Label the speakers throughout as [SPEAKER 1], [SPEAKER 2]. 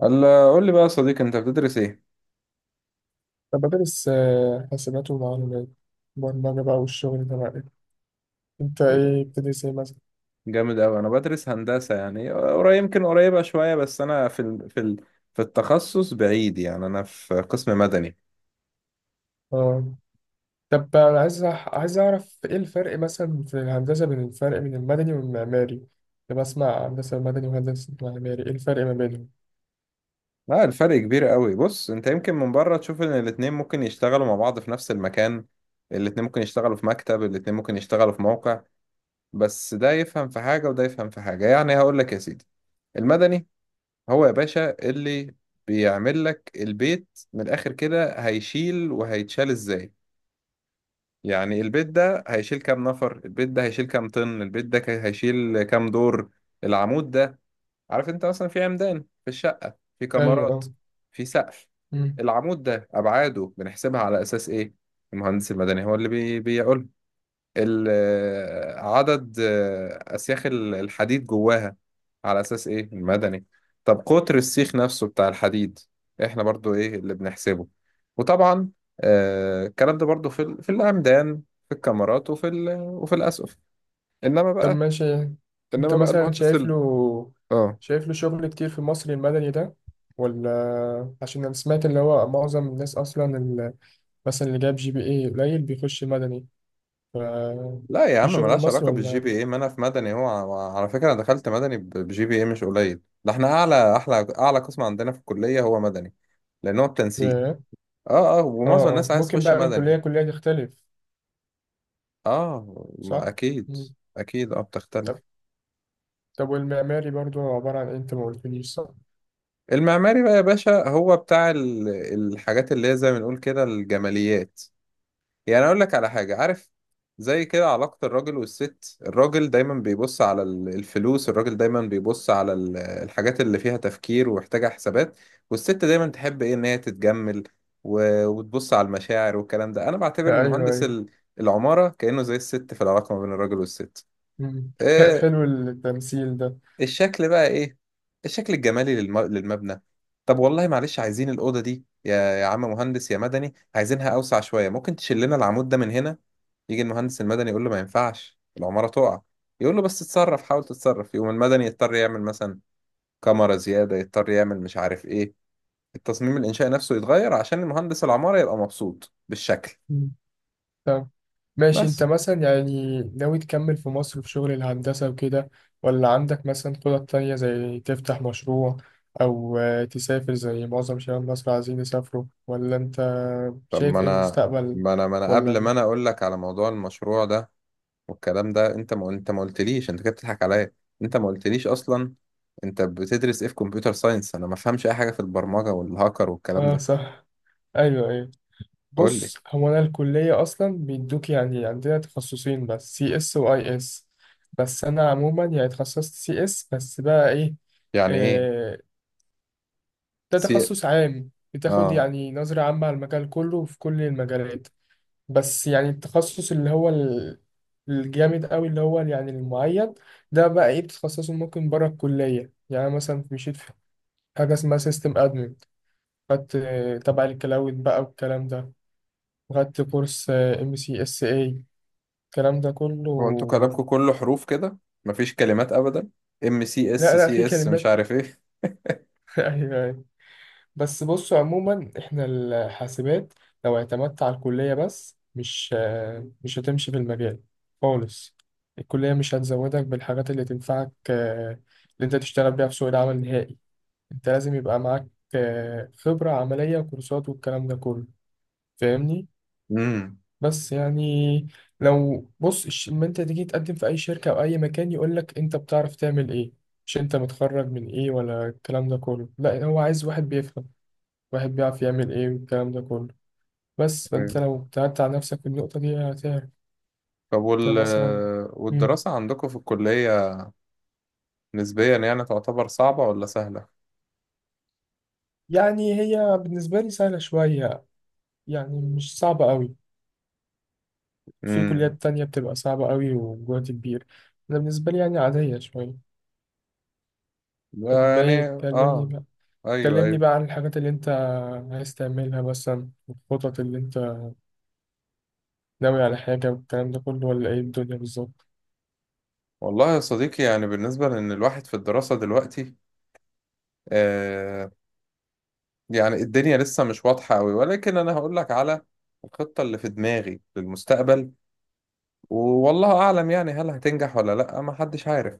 [SPEAKER 1] قال قول لي بقى يا صديقي، انت بتدرس ايه؟
[SPEAKER 2] طب بدرس حاسبات ومعلومات، برمجة بقى والشغل ده بقى. انت
[SPEAKER 1] ايه ده؟
[SPEAKER 2] ايه بتدرس ايه مثلا؟
[SPEAKER 1] جامد قوي. انا بدرس هندسة، يعني قريب، يمكن قريبة شوية، بس انا في التخصص بعيد، يعني انا في قسم مدني.
[SPEAKER 2] اه، طب انا عايز عايز اعرف ايه الفرق مثلا في الهندسة، بين الفرق بين المدني والمعماري. كنت بسمع هندسة مدني وهندسة معماري، ايه الفرق ما بينهم؟
[SPEAKER 1] لا، الفرق كبير قوي. بص، انت يمكن من بره تشوف ان الاتنين ممكن يشتغلوا مع بعض في نفس المكان. الاتنين ممكن يشتغلوا في مكتب، الاتنين ممكن يشتغلوا في موقع. بس ده يفهم في حاجة وده يفهم في حاجة، يعني هقول لك يا سيدي. المدني هو يا باشا اللي بيعمل لك البيت، من الاخر كده، هيشيل وهيتشال ازاي. يعني البيت ده هيشيل كام نفر، البيت ده هيشيل كام طن، البيت ده هيشيل كام دور. العمود ده، عارف انت مثلا في عمدان، في الشقة، في
[SPEAKER 2] ايوه،
[SPEAKER 1] كمرات،
[SPEAKER 2] اه.
[SPEAKER 1] في سقف.
[SPEAKER 2] مم.
[SPEAKER 1] العمود ده أبعاده بنحسبها على أساس إيه؟ المهندس المدني هو اللي بيقول عدد أسياخ الحديد جواها، على أساس إيه؟ المدني. طب قطر السيخ نفسه بتاع الحديد، إحنا برضو إيه اللي بنحسبه. وطبعا الكلام ده برضو في الأمدان، في الكاميرات، وفي الأسقف. إنما
[SPEAKER 2] طب
[SPEAKER 1] بقى
[SPEAKER 2] ماشي، انت
[SPEAKER 1] إنما بقى
[SPEAKER 2] مثلا
[SPEAKER 1] المهندس
[SPEAKER 2] شايف
[SPEAKER 1] ال...
[SPEAKER 2] له
[SPEAKER 1] آه
[SPEAKER 2] شايف له شغل كتير في مصر المدني ده، ولا عشان انا سمعت اللي هو معظم الناس اصلا مثلا اللي جاب جي بي اي قليل بيخش مدني؟ ف-
[SPEAKER 1] لا يا
[SPEAKER 2] في
[SPEAKER 1] عم،
[SPEAKER 2] شغل
[SPEAKER 1] ملهاش
[SPEAKER 2] مصري
[SPEAKER 1] علاقة بالجي
[SPEAKER 2] ولا؟
[SPEAKER 1] بي إيه. ما أنا في مدني، هو على فكرة أنا دخلت مدني بجي بي إيه، مش قليل ده، إحنا أعلى قسم عندنا في الكلية هو مدني، لأن هو التنسيق.
[SPEAKER 2] ياه.
[SPEAKER 1] اه، اه،
[SPEAKER 2] اه
[SPEAKER 1] ومعظم الناس
[SPEAKER 2] اه،
[SPEAKER 1] عايز
[SPEAKER 2] ممكن
[SPEAKER 1] تخش
[SPEAKER 2] بقى من كلية
[SPEAKER 1] مدني.
[SPEAKER 2] كلية تختلف.
[SPEAKER 1] اه، ما
[SPEAKER 2] صح؟
[SPEAKER 1] اكيد.
[SPEAKER 2] مم.
[SPEAKER 1] اكيد، اه بتختلف.
[SPEAKER 2] طب طب والمعماري برضو عبارة عن ايه، انت ما قلتليش؟ صح؟
[SPEAKER 1] المعماري بقى يا باشا هو بتاع الحاجات اللي هي، زي ما نقول كده، الجماليات. يعني اقول لك على حاجة، عارف؟ زي كده علاقة الراجل والست. الراجل دايما بيبص على الفلوس، الراجل دايما بيبص على الحاجات اللي فيها تفكير ومحتاجة حسابات. والست دايما تحب ايه؟ ان هي تتجمل وتبص على المشاعر والكلام ده. انا بعتبر ان
[SPEAKER 2] ايوه
[SPEAKER 1] مهندس
[SPEAKER 2] ايوه.
[SPEAKER 1] العمارة كأنه زي الست في العلاقة ما بين الراجل والست.
[SPEAKER 2] مم.
[SPEAKER 1] آه،
[SPEAKER 2] حلو التمثيل ده.
[SPEAKER 1] الشكل بقى ايه؟ الشكل الجمالي للمبنى. طب والله معلش، عايزين الأوضة دي يا عم مهندس يا مدني، عايزينها أوسع شوية، ممكن تشيل لنا العمود ده من هنا. يجي المهندس المدني يقول له ما ينفعش، العمارة تقع. يقول له بس اتصرف، حاول تتصرف. يقوم المدني يضطر يعمل مثلا كاميرا زيادة، يضطر يعمل مش عارف ايه، التصميم الإنشائي نفسه يتغير عشان المهندس العمارة يبقى مبسوط بالشكل.
[SPEAKER 2] مم. طب ماشي، انت
[SPEAKER 1] بس
[SPEAKER 2] مثلا يعني ناوي تكمل في مصر في شغل الهندسة وكده، ولا عندك مثلا خطط تانية زي تفتح مشروع أو تسافر زي معظم شباب مصر عايزين يسافروا، ولا انت
[SPEAKER 1] طب، ما
[SPEAKER 2] شايف ايه
[SPEAKER 1] انا
[SPEAKER 2] المستقبل
[SPEAKER 1] ما انا ما انا قبل ما
[SPEAKER 2] ولا؟
[SPEAKER 1] انا اقول لك على موضوع المشروع ده والكلام ده، انت ما قلتليش، انت كده بتضحك عليا. انت ما قلتليش اصلا، انت بتدرس ايه في كمبيوتر ساينس؟ انا ما فهمش اي حاجه في البرمجه والهاكر والكلام
[SPEAKER 2] اه،
[SPEAKER 1] ده.
[SPEAKER 2] صح. ايوه ايوه.
[SPEAKER 1] قول لي.
[SPEAKER 2] بص، هو انا الكليه اصلا بيدوك، يعني عندنا تخصصين بس، سي اس واي اس. بس انا عموما يعني اتخصصت سي اس. بس بقى ايه،
[SPEAKER 1] يعني ايه
[SPEAKER 2] آه، ده
[SPEAKER 1] سي
[SPEAKER 2] تخصص عام، بتاخد
[SPEAKER 1] اه؟
[SPEAKER 2] يعني نظره عامه على المجال كله، في كل المجالات. بس يعني التخصص اللي هو الجامد قوي، اللي هو يعني المعين، ده بقى ايه، بتتخصصه ممكن بره الكليه. يعني أنا مثلا مشيت في حاجه اسمها سيستم ادمن، خدت تبع الكلاود بقى والكلام ده، خدت كورس ام سي اس اي، الكلام ده
[SPEAKER 1] هو انتوا
[SPEAKER 2] كله.
[SPEAKER 1] كلامكم كله حروف كده، مفيش كلمات ابدا. ام سي اس
[SPEAKER 2] لا لا، في
[SPEAKER 1] سي اس مش
[SPEAKER 2] كلمات.
[SPEAKER 1] عارف ايه.
[SPEAKER 2] ايوه أيوة. بس بصوا، عموما احنا الحاسبات، لو اعتمدت على الكلية بس، مش هتمشي في المجال خالص. الكلية مش هتزودك بالحاجات اللي تنفعك، اللي انت تشتغل بيها في سوق العمل النهائي. انت لازم يبقى معاك خبرة عملية وكورسات والكلام ده كله. فاهمني؟
[SPEAKER 1] امم.
[SPEAKER 2] بس يعني، لو بص لما انت تيجي تقدم في اي شركة او اي مكان، يقول لك انت بتعرف تعمل ايه، مش انت متخرج من ايه ولا الكلام ده كله. لا، هو عايز واحد بيفهم، واحد بيعرف يعمل ايه والكلام ده كله. بس فانت لو ابتعدت عن نفسك في النقطة دي هتعرف.
[SPEAKER 1] طب
[SPEAKER 2] ده مثلا. مم.
[SPEAKER 1] والدراسه عندكم في الكليه نسبيا، يعني تعتبر صعبه ولا سهله؟
[SPEAKER 2] يعني هي بالنسبة لي سهلة شوية، يعني مش صعبة قوي. في
[SPEAKER 1] امم.
[SPEAKER 2] كليات تانية بتبقى صعبة قوي وجهد كبير، انا بالنسبة لي يعني عادية شوية. طب ما
[SPEAKER 1] يعني. اه.
[SPEAKER 2] يكلمني،
[SPEAKER 1] ايوه،
[SPEAKER 2] كلمني
[SPEAKER 1] ايوه.
[SPEAKER 2] بقى عن الحاجات اللي انت عايز تعملها مثلا، الخطط اللي انت ناوي على حاجة والكلام ده كله، ولا ايه الدنيا بالظبط؟
[SPEAKER 1] والله يا صديقي، يعني بالنسبة لأن الواحد في الدراسة دلوقتي، آه يعني الدنيا لسه مش واضحة أوي، ولكن أنا هقول لك على الخطة اللي في دماغي للمستقبل. والله أعلم يعني، هل هتنجح ولا لأ، ما حدش عارف.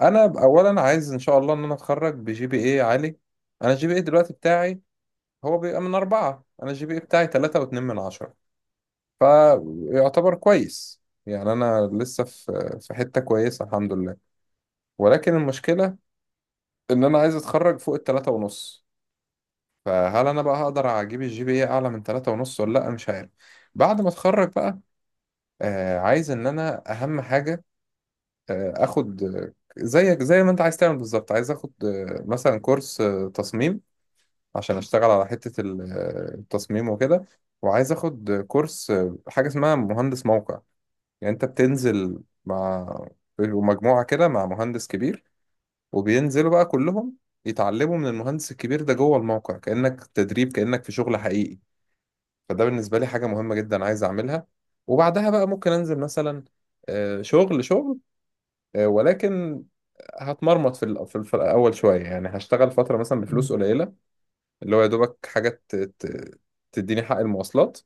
[SPEAKER 1] أنا أولا عايز إن شاء الله إن أنا أتخرج بجي بي إيه عالي. أنا الجي بي إيه دلوقتي بتاعي هو بيبقى من 4. أنا الجي بي إيه بتاعي 3.2 من 10، فيعتبر كويس. يعني أنا لسه في حتة كويسة، الحمد لله. ولكن المشكلة ان انا عايز اتخرج فوق الـ 3.5. فهل انا بقى هقدر اجيب الجي بي اي اعلى من 3.5 ولا لا، مش عارف. بعد ما اتخرج بقى، عايز ان انا اهم حاجة اخد، زيك زي ما انت عايز تعمل بالظبط، عايز اخد مثلا كورس تصميم، عشان اشتغل على حتة التصميم وكده. وعايز اخد كورس حاجة اسمها مهندس موقع. يعني انت بتنزل مع مجموعة كده مع مهندس كبير، وبينزلوا بقى كلهم يتعلموا من المهندس الكبير ده جوه الموقع، كأنك تدريب، كأنك في شغل حقيقي. فده بالنسبة لي حاجة مهمة جدا، عايز أعملها. وبعدها بقى ممكن أنزل مثلا شغل شغل. ولكن هتمرمط في الأ- في الف- الأول شوية، يعني هشتغل فترة مثلا بفلوس
[SPEAKER 2] مم.
[SPEAKER 1] قليلة، اللي هو يا دوبك حاجة تديني حق المواصلات،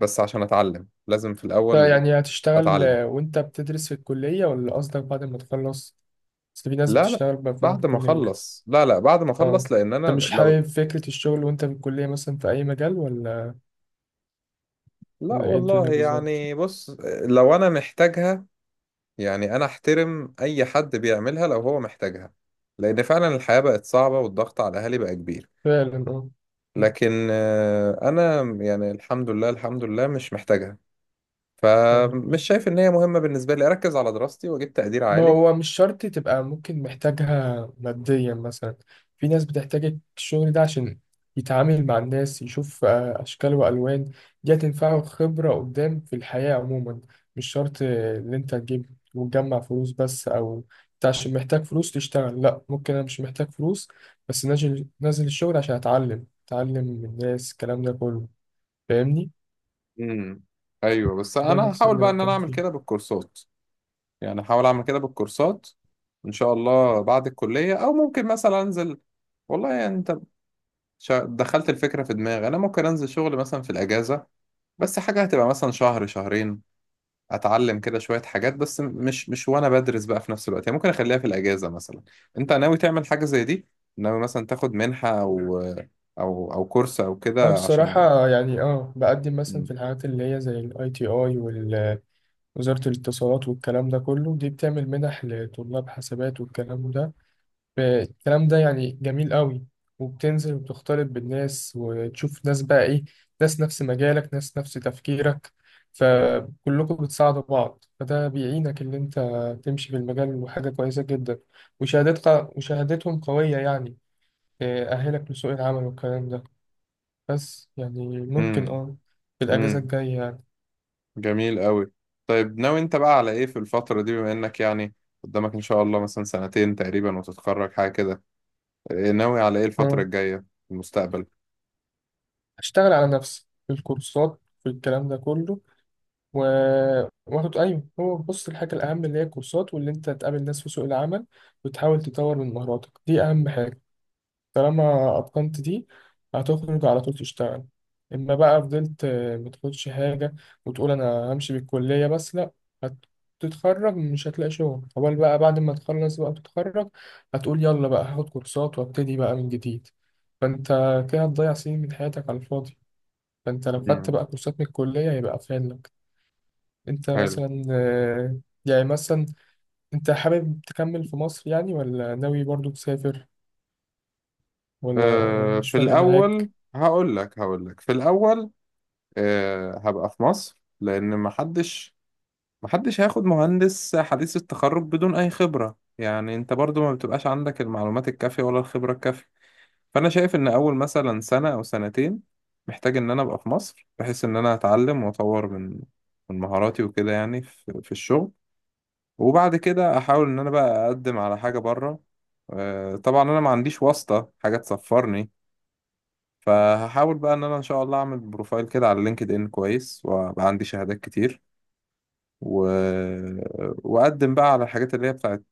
[SPEAKER 1] بس عشان أتعلم لازم في
[SPEAKER 2] طيب
[SPEAKER 1] الأول
[SPEAKER 2] يعني هتشتغل
[SPEAKER 1] أتعلم.
[SPEAKER 2] وانت بتدرس في الكلية، ولا قصدك بعد ما تخلص؟ بس في ناس
[SPEAKER 1] لا لا،
[SPEAKER 2] بتشتغل بقى فوق
[SPEAKER 1] بعد ما
[SPEAKER 2] الكلية.
[SPEAKER 1] أخلص. لا لا، بعد ما
[SPEAKER 2] اه،
[SPEAKER 1] أخلص لأن أنا
[SPEAKER 2] انت مش حابب
[SPEAKER 1] لو...
[SPEAKER 2] فكرة الشغل وانت في الكلية مثلا في اي مجال، ولا؟
[SPEAKER 1] لا
[SPEAKER 2] ولا ايه الدنيا
[SPEAKER 1] والله،
[SPEAKER 2] بالظبط؟
[SPEAKER 1] يعني بص، لو انا محتاجها، يعني انا احترم اي حد بيعملها لو هو محتاجها، لان فعلا الحياة بقت صعبة والضغط على الاهالي بقى كبير.
[SPEAKER 2] فعلا اه.
[SPEAKER 1] لكن انا يعني، الحمد لله، الحمد لله مش محتاجها، فمش
[SPEAKER 2] مم.
[SPEAKER 1] شايف ان هي مهمة. بالنسبة لي اركز على دراستي واجيب تقدير
[SPEAKER 2] ما
[SPEAKER 1] عالي.
[SPEAKER 2] هو مش شرط تبقى ممكن محتاجها ماديا مثلا، في ناس بتحتاج الشغل ده عشان يتعامل مع الناس، يشوف أشكال وألوان، دي هتنفعه خبرة قدام في الحياة عموما. مش شرط إن أنت تجيب وتجمع فلوس بس، أو أنت عشان محتاج فلوس تشتغل. لأ، ممكن أنا مش محتاج فلوس بس نازل نازل الشغل عشان أتعلم، أتعلم من الناس الكلام ده كله. فاهمني؟
[SPEAKER 1] امم. ايوه، بس
[SPEAKER 2] ده
[SPEAKER 1] انا
[SPEAKER 2] بس
[SPEAKER 1] هحاول
[SPEAKER 2] اللي
[SPEAKER 1] بقى ان انا
[SPEAKER 2] بتكلم
[SPEAKER 1] اعمل كده
[SPEAKER 2] فيه.
[SPEAKER 1] بالكورسات، يعني هحاول اعمل كده بالكورسات ان شاء الله بعد الكلية، او ممكن مثلا انزل. والله، يعني انت دخلت الفكرة في دماغي. أنا ممكن أنزل شغل مثلا في الأجازة، بس حاجة هتبقى مثلا شهر شهرين، أتعلم كده شوية حاجات، بس مش وأنا بدرس بقى في نفس الوقت، يعني ممكن أخليها في الأجازة مثلا. أنت ناوي تعمل حاجة زي دي؟ ناوي مثلا تاخد منحة، أو كورس أو
[SPEAKER 2] اه
[SPEAKER 1] كده عشان...
[SPEAKER 2] بصراحة، يعني بقدم مثلا في الحاجات اللي هي زي الاي تي اي ووزارة الاتصالات والكلام ده كله، دي بتعمل منح لطلاب حسابات والكلام ده. الكلام ده يعني جميل قوي، وبتنزل وبتختلط بالناس، وتشوف ناس بقى ايه، ناس نفس مجالك ناس نفس تفكيرك، فكلكم بتساعدوا بعض، فده بيعينك اللي انت تمشي في المجال، وحاجة كويسة جدا. وشهادتك وشهادتهم قوية، يعني تأهلك لسوق العمل والكلام ده. بس يعني ممكن
[SPEAKER 1] امم،
[SPEAKER 2] في الأجازة
[SPEAKER 1] امم.
[SPEAKER 2] الجاية يعني.
[SPEAKER 1] جميل قوي. طيب، ناوي أنت بقى على إيه في الفترة دي، بما إنك يعني قدامك إن شاء الله مثلا سنتين تقريبا وتتخرج حاجة كده، إيه ناوي على إيه الفترة
[SPEAKER 2] اه،
[SPEAKER 1] الجاية في المستقبل؟
[SPEAKER 2] أشتغل على نفسي في الكورسات، في الكلام ده كله و... وآخد، أيوه، هو بص الحاجة الأهم اللي هي الكورسات، واللي أنت تقابل ناس في سوق العمل وتحاول تطور من مهاراتك، دي أهم حاجة. طالما أتقنت دي هتخرج على طول تشتغل. إما بقى فضلت متاخدش حاجة وتقول أنا همشي بالكلية بس، لأ، هتتخرج مش هتلاقي شغل أول. بقى بعد ما تخلص بقى تتخرج هتقول يلا بقى هاخد كورسات وابتدي بقى من جديد. فأنت كده هتضيع سنين من حياتك على الفاضي. فأنت لو خدت
[SPEAKER 1] امم.
[SPEAKER 2] بقى كورسات من الكلية هيبقى أفيد لك. أنت
[SPEAKER 1] حلو.
[SPEAKER 2] مثلا يعني مثلا أنت حابب تكمل في مصر يعني، ولا ناوي برضو تسافر، ولا مش
[SPEAKER 1] في
[SPEAKER 2] فارق
[SPEAKER 1] الأول
[SPEAKER 2] معاك؟
[SPEAKER 1] هقول لك في الأول، هبقى في مصر، لأن محدش هياخد مهندس حديث التخرج بدون أي خبرة. يعني أنت برضو ما بتبقاش عندك المعلومات الكافية ولا الخبرة الكافية. فأنا شايف إن أول مثلا سنة أو سنتين محتاج إن أنا أبقى في مصر، بحيث إن أنا أتعلم وأطور من مهاراتي وكده، يعني في الشغل. وبعد كده أحاول إن أنا بقى أقدم على حاجة بره. طبعا أنا ما عنديش واسطة حاجة تسفرني، فهحاول بقى ان انا ان شاء الله اعمل بروفايل كده على لينكد ان كويس، وابقى عندي شهادات كتير، و... واقدم بقى على الحاجات اللي هي بتاعت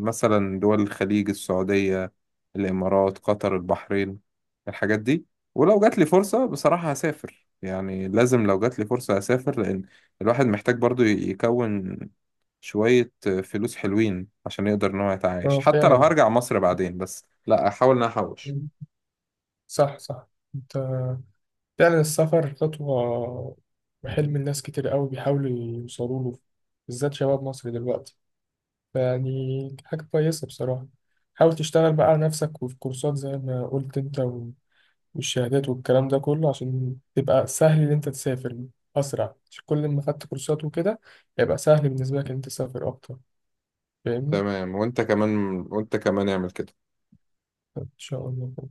[SPEAKER 1] مثلا دول الخليج: السعودية، الامارات، قطر، البحرين، الحاجات دي. ولو جات لي فرصة بصراحة هسافر، يعني لازم لو جات لي فرصة هسافر، لان الواحد محتاج برضو يكون شوية فلوس حلوين عشان يقدر ان هو يتعايش،
[SPEAKER 2] اه
[SPEAKER 1] حتى لو
[SPEAKER 2] فعلا،
[SPEAKER 1] هرجع مصر بعدين، بس لا احاول ان أنا احوش.
[SPEAKER 2] صح صح. انت فعلا السفر خطوة، وحلم الناس كتير قوي بيحاولوا يوصلوا له، بالذات شباب مصر دلوقتي، يعني حاجة كويسة بصراحة. حاول تشتغل بقى على نفسك وفي كورسات، زي ما قلت انت، والشهادات والكلام ده كله عشان تبقى سهل ان انت تسافر أسرع. عشان كل ما خدت كورسات وكده هيبقى سهل بالنسبة لك ان انت تسافر أكتر. فاهمني؟
[SPEAKER 1] تمام، وانت كمان. اعمل كده.
[SPEAKER 2] إن شاء الله.